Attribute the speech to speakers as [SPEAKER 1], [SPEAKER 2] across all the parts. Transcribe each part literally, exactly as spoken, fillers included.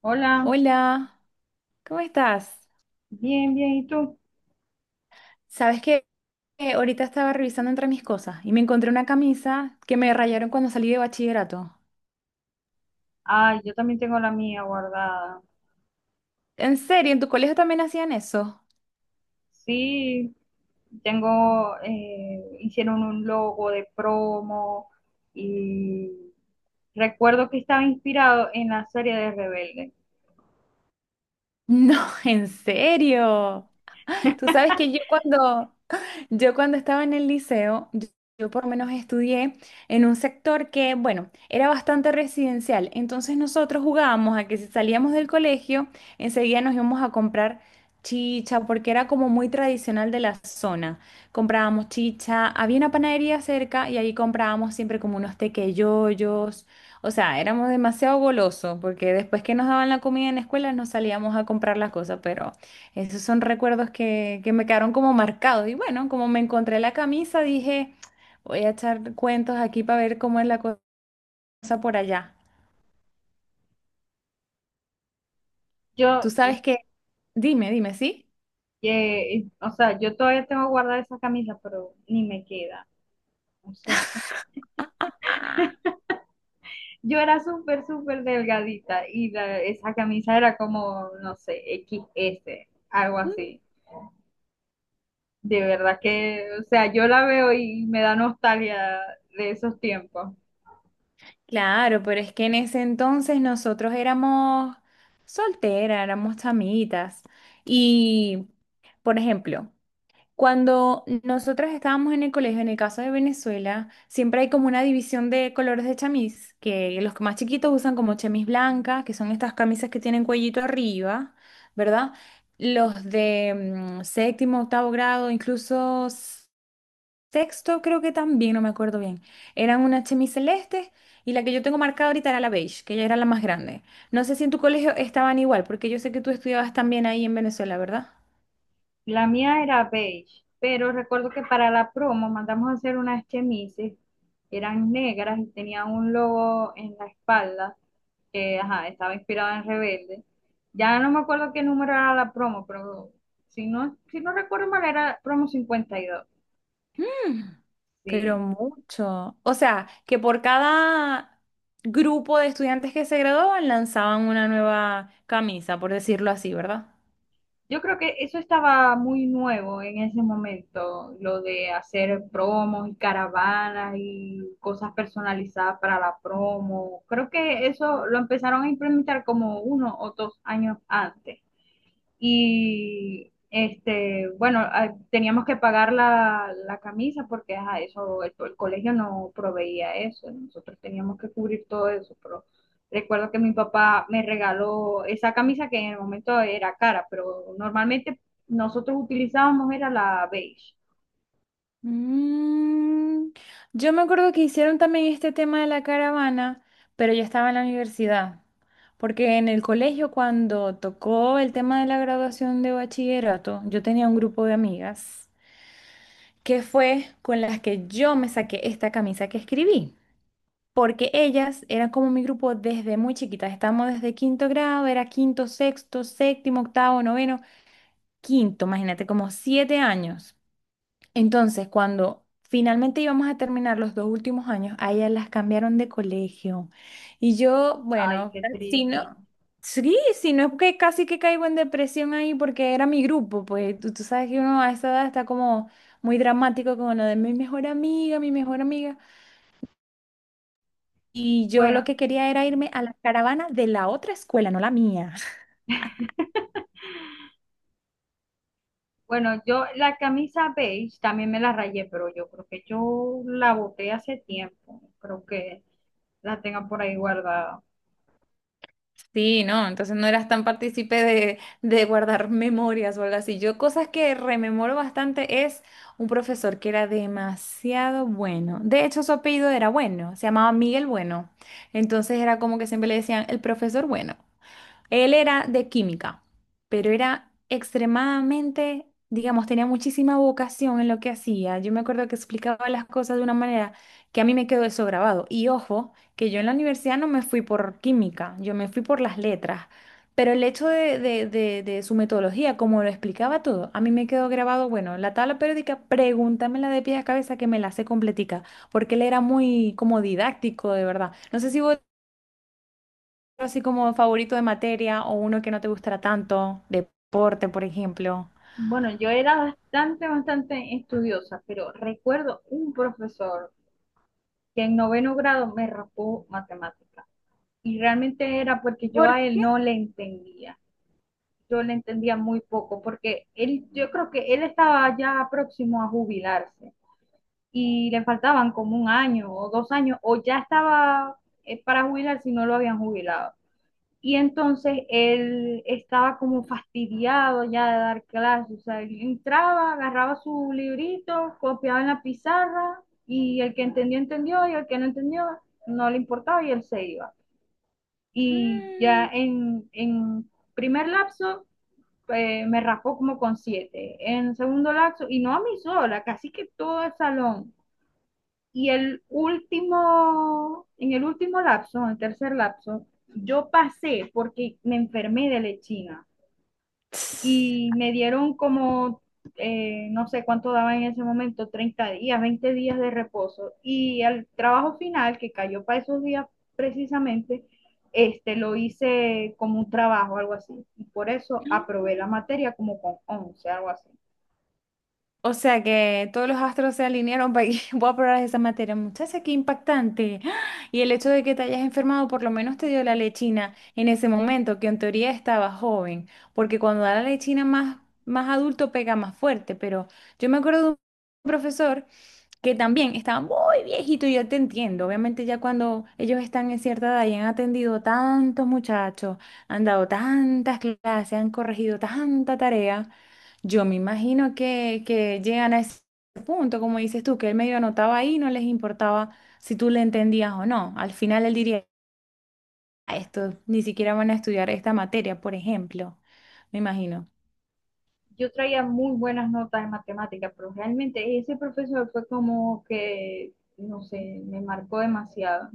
[SPEAKER 1] Hola,
[SPEAKER 2] Hola, ¿cómo estás?
[SPEAKER 1] bien, bien, ¿y tú?
[SPEAKER 2] Sabes que eh, ahorita estaba revisando entre mis cosas y me encontré una camisa que me rayaron cuando salí de bachillerato.
[SPEAKER 1] Ay, yo también tengo la mía guardada.
[SPEAKER 2] ¿En serio? ¿En tu colegio también hacían eso?
[SPEAKER 1] Sí, tengo, eh, hicieron un logo de promo y recuerdo que estaba inspirado en la serie de Rebelde.
[SPEAKER 2] No, en serio. Tú sabes que yo cuando, Yo cuando estaba en el liceo, yo, yo por lo menos estudié en un sector que, bueno, era bastante residencial. Entonces nosotros jugábamos a que si salíamos del colegio, enseguida nos íbamos a comprar chicha, porque era como muy tradicional de la zona. Comprábamos chicha, había una panadería cerca y ahí comprábamos siempre como unos tequeyoyos. O sea, éramos demasiado golosos, porque después que nos daban la comida en la escuela, nos salíamos a comprar las cosas, pero. Esos son recuerdos que, que me quedaron como marcados. Y bueno, como me encontré la camisa, dije, voy a echar cuentos aquí para ver cómo es la cosa por allá. Tú
[SPEAKER 1] Yo,
[SPEAKER 2] sabes que, dime, dime, ¿sí?
[SPEAKER 1] eh, o sea, yo todavía tengo guardada esa camisa, pero ni me queda. O sea,
[SPEAKER 2] Ah,
[SPEAKER 1] yo era súper, súper delgadita y la- esa camisa era como, no sé, X S, algo
[SPEAKER 2] mm.
[SPEAKER 1] así. De verdad que, o sea, yo la veo y me da nostalgia de esos tiempos.
[SPEAKER 2] Claro, pero es que en ese entonces nosotros éramos solteras, éramos chamitas. Y, por ejemplo, cuando nosotras estábamos en el colegio, en el caso de Venezuela, siempre hay como una división de colores de chamis, que los más chiquitos usan como chamis blancas, que son estas camisas que tienen cuellito arriba, ¿verdad? Los de mm, séptimo, octavo grado, incluso s- sexto, creo que también, no me acuerdo bien. Eran una chemis celeste y la que yo tengo marcada ahorita era la beige, que ya era la más grande. No sé si en tu colegio estaban igual, porque yo sé que tú estudiabas también ahí en Venezuela, ¿verdad?
[SPEAKER 1] La mía era beige, pero recuerdo que para la promo mandamos a hacer unas chemises, eran negras y tenían un logo en la espalda, que ajá, estaba inspirado en Rebelde. Ya no me acuerdo qué número era la promo, pero si no, si no recuerdo mal, era promo cincuenta y dos.
[SPEAKER 2] Pero
[SPEAKER 1] Sí.
[SPEAKER 2] mucho. O sea, que por cada grupo de estudiantes que se graduaban lanzaban una nueva camisa, por decirlo así, ¿verdad?
[SPEAKER 1] Yo creo que eso estaba muy nuevo en ese momento, lo de hacer promos y caravanas y cosas personalizadas para la promo. Creo que eso lo empezaron a implementar como uno o dos años antes y este, bueno, ah, teníamos que pagar la, la camisa porque ajá, eso, el, el colegio no proveía eso, nosotros teníamos que cubrir todo eso, pero recuerdo que mi papá me regaló esa camisa que en el momento era cara, pero normalmente nosotros utilizábamos era la beige.
[SPEAKER 2] Mm, yo me acuerdo que hicieron también este tema de la caravana, pero yo estaba en la universidad, porque en el colegio cuando tocó el tema de la graduación de bachillerato, yo tenía un grupo de amigas que fue con las que yo me saqué esta camisa que escribí, porque ellas eran como mi grupo desde muy chiquitas. Estábamos desde quinto grado, era quinto, sexto, séptimo, octavo, noveno, quinto, imagínate, como siete años. Entonces, cuando finalmente íbamos a terminar los dos últimos años, a ellas las cambiaron de colegio. Y yo,
[SPEAKER 1] Ay,
[SPEAKER 2] bueno,
[SPEAKER 1] qué
[SPEAKER 2] si
[SPEAKER 1] triste.
[SPEAKER 2] no, sí, si no es que casi que caigo en depresión ahí porque era mi grupo, pues tú, tú sabes que uno a esa edad está como muy dramático con lo de mi mejor amiga, mi mejor amiga. Y yo
[SPEAKER 1] Bueno,
[SPEAKER 2] lo que quería era irme a la caravana de la otra escuela, no la mía.
[SPEAKER 1] bueno, yo la camisa beige también me la rayé, pero yo creo que yo la boté hace tiempo, creo que la tenga por ahí guardada.
[SPEAKER 2] Sí, no, entonces no eras tan partícipe de, de guardar memorias o algo así. Yo cosas que rememoro bastante es un profesor que era demasiado bueno. De hecho, su apellido era Bueno, se llamaba Miguel Bueno. Entonces era como que siempre le decían el profesor Bueno. Él era de química, pero era extremadamente, digamos, tenía muchísima vocación en lo que hacía. Yo me acuerdo que explicaba las cosas de una manera que a mí me quedó eso grabado. Y ojo, que yo en la universidad no me fui por química, yo me fui por las letras. Pero el hecho de, de- de- de su metodología, como lo explicaba todo, a mí me quedó grabado, bueno, la tabla periódica, pregúntamela de pies a cabeza que me la sé completica, porque él era muy como didáctico, de verdad. No sé si vos así como favorito de materia o uno que no te gustara tanto, deporte, por ejemplo.
[SPEAKER 1] Bueno, yo era bastante, bastante estudiosa, pero recuerdo un profesor que en noveno grado me rapó matemática. Y realmente era porque yo
[SPEAKER 2] ¿Por
[SPEAKER 1] a él
[SPEAKER 2] qué?
[SPEAKER 1] no le entendía. Yo le entendía muy poco, porque él, yo creo que él estaba ya próximo a jubilarse y le faltaban como un año o dos años, o ya estaba eh, para jubilarse y no lo habían jubilado. Y entonces él estaba como fastidiado ya de dar clases, o sea, él entraba, agarraba su librito, copiaba en la pizarra y el que entendió, entendió y el que no entendió, no le importaba y él se iba. Y ya
[SPEAKER 2] Mm,
[SPEAKER 1] en, en primer lapso, eh, me raspó como con siete, en segundo lapso, y no a mí sola, casi que todo el salón. Y el último, en el último lapso, en el tercer lapso, yo pasé porque me enfermé de lechina
[SPEAKER 2] tss.
[SPEAKER 1] y me dieron como, eh, no sé cuánto daba en ese momento, treinta días, veinte días de reposo. Y el trabajo final, que cayó para esos días precisamente, este, lo hice como un trabajo, algo así. Y por eso aprobé la materia como con once, algo así.
[SPEAKER 2] O sea que todos los astros se alinearon para que voy a aprobar esa materia. Muchacha, qué impactante. ¡Ah! Y el hecho de que te hayas enfermado por lo menos te dio la lechina en ese momento, que en teoría estaba joven, porque cuando da la lechina más, más adulto pega más fuerte. Pero yo me acuerdo de un profesor que también estaba muy viejito y yo te entiendo. Obviamente ya cuando ellos están en cierta edad y han atendido tantos muchachos, han dado tantas clases, han corregido tanta tarea, yo me imagino que, que llegan a ese punto, como dices tú, que él medio anotaba ahí, no les importaba si tú le entendías o no. Al final él diría, "Ah, esto ni siquiera van a estudiar esta materia, por ejemplo, me imagino."
[SPEAKER 1] Yo traía muy buenas notas en matemáticas, pero realmente ese profesor fue como que, no sé, me marcó demasiado.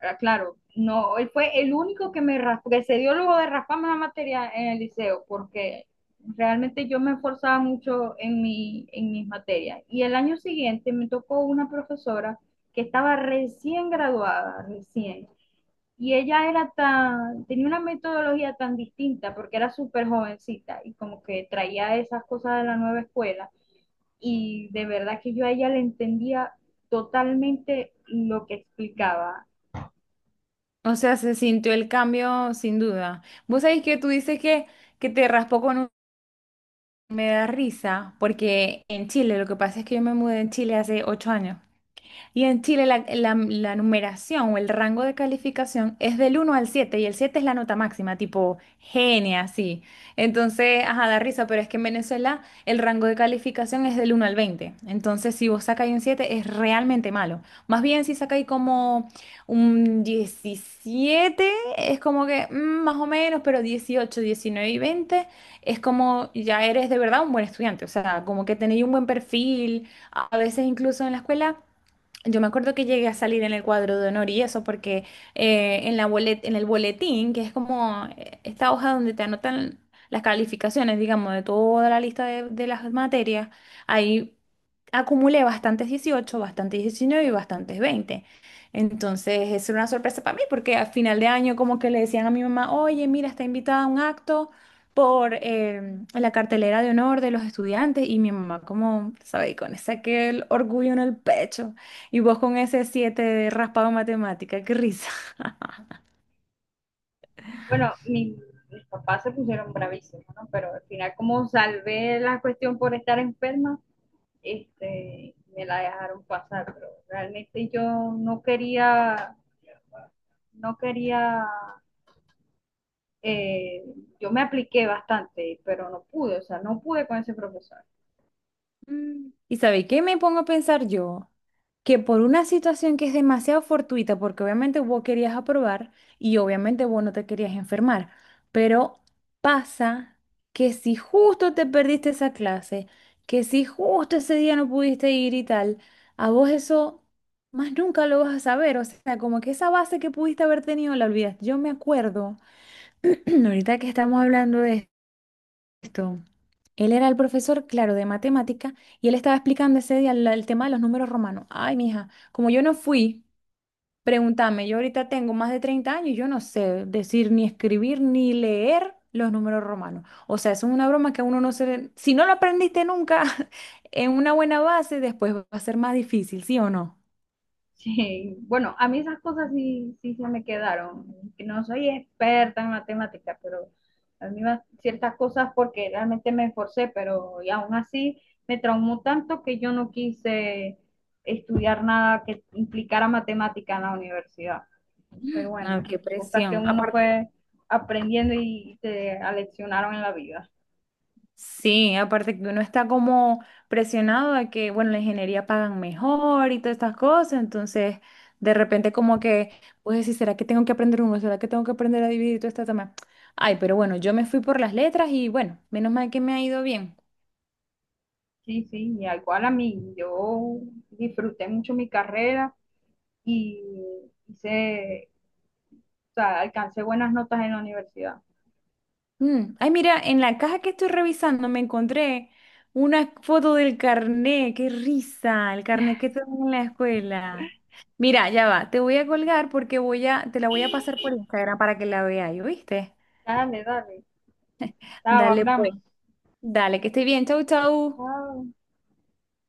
[SPEAKER 1] Ahora, claro, no, él fue el único que me ras- que se dio luego de rasparme la materia en el liceo, porque realmente yo me esforzaba mucho en, mi, en mis materias. Y el año siguiente me tocó una profesora que estaba recién graduada, recién, y ella era tan, tenía una metodología tan distinta porque era súper jovencita y como que traía esas cosas de la nueva escuela. Y de verdad que yo a ella le entendía totalmente lo que explicaba.
[SPEAKER 2] O sea, se sintió el cambio sin duda. Vos sabés que tú dices que, que, te raspó con un. Me da risa porque en Chile, lo que pasa es que yo me mudé en Chile hace ocho años. Y en Chile la, la- la numeración o el rango de calificación es del uno al siete y el siete es la nota máxima, tipo genia, así. Entonces, ajá, da risa, pero es que en Venezuela el rango de calificación es del uno al veinte. Entonces, si vos sacáis un siete es realmente malo. Más bien si sacáis como un diecisiete es como que mm, más o menos, pero dieciocho, diecinueve y veinte es como ya eres de verdad un buen estudiante, o sea, como que tenéis un buen perfil, a a veces incluso en la escuela. Yo me acuerdo que llegué a salir en el cuadro de honor y eso porque eh, en la bolet- en el boletín, que es como eh, esta hoja donde te anotan las calificaciones, digamos, de toda la lista de, de las materias, ahí acumulé bastantes dieciocho, bastantes diecinueve y bastantes veinte. Entonces, eso era una sorpresa para mí porque a final de año como que le decían a mi mamá, oye, mira, está invitada a un acto por eh, la cartelera de honor de los estudiantes y mi mamá como, ¿sabes? Con ese aquel orgullo en el pecho y vos con ese siete de raspado en matemática, qué risa.
[SPEAKER 1] Bueno, mi- mis papás se pusieron bravísimos, ¿no? Pero al final como salvé la cuestión por estar enferma, este, me la dejaron pasar. Pero realmente yo no quería, no quería eh, yo me apliqué bastante, pero no pude, o sea, no pude con ese profesor.
[SPEAKER 2] Mm. ¿Y sabéis qué me pongo a pensar yo? Que por una situación que es demasiado fortuita, porque obviamente vos querías aprobar y obviamente vos no te querías enfermar, pero pasa que si justo te perdiste esa clase, que si justo ese día no pudiste ir y tal, a vos eso más nunca lo vas a saber, o sea, como que esa base que pudiste haber tenido la olvidas. Yo me acuerdo, ahorita que estamos hablando de esto. Él era el profesor, claro, de matemática, y él estaba explicando ese día la- el, tema de los números romanos. Ay, mija, como yo no fui, pregúntame, yo ahorita tengo más de treinta años y yo no sé decir ni escribir ni leer los números romanos. O sea, eso es una broma que uno no se. Si no lo aprendiste nunca en una buena base, después va a ser más difícil, ¿sí o no?
[SPEAKER 1] Sí, bueno, a mí esas cosas sí, sí se me quedaron. Que no soy experta en matemática, pero a mí va- ciertas cosas porque realmente me esforcé, pero y aún así me traumó tanto que yo no quise estudiar nada que implicara matemática en la universidad. Entonces,
[SPEAKER 2] Ah,
[SPEAKER 1] bueno,
[SPEAKER 2] qué
[SPEAKER 1] cosas que
[SPEAKER 2] presión.
[SPEAKER 1] uno
[SPEAKER 2] Aparte.
[SPEAKER 1] fue aprendiendo y te aleccionaron en la vida.
[SPEAKER 2] Sí, aparte que uno está como presionado de que, bueno, la ingeniería pagan mejor y todas estas cosas, entonces de repente como que, pues decir, ¿será que tengo que aprender uno? ¿Será que tengo que aprender a dividir y todo este tema? Ay, pero bueno, yo me fui por las letras y bueno, menos mal que me ha ido bien.
[SPEAKER 1] Sí, sí, y igual a mí, yo disfruté mucho mi carrera y hice, o sea, alcancé buenas notas en la universidad.
[SPEAKER 2] Mm, Ay, mira, en la caja que estoy revisando me encontré una foto del carnet, qué risa, el carnet que tengo en la escuela. Mira, ya va, te voy a colgar porque voy a, te la voy a pasar por Instagram para que la veas, ¿y viste?
[SPEAKER 1] Dale, dale. Chao,
[SPEAKER 2] Dale pues,
[SPEAKER 1] hablamos.
[SPEAKER 2] dale, que esté bien, chau, chau.
[SPEAKER 1] Chao.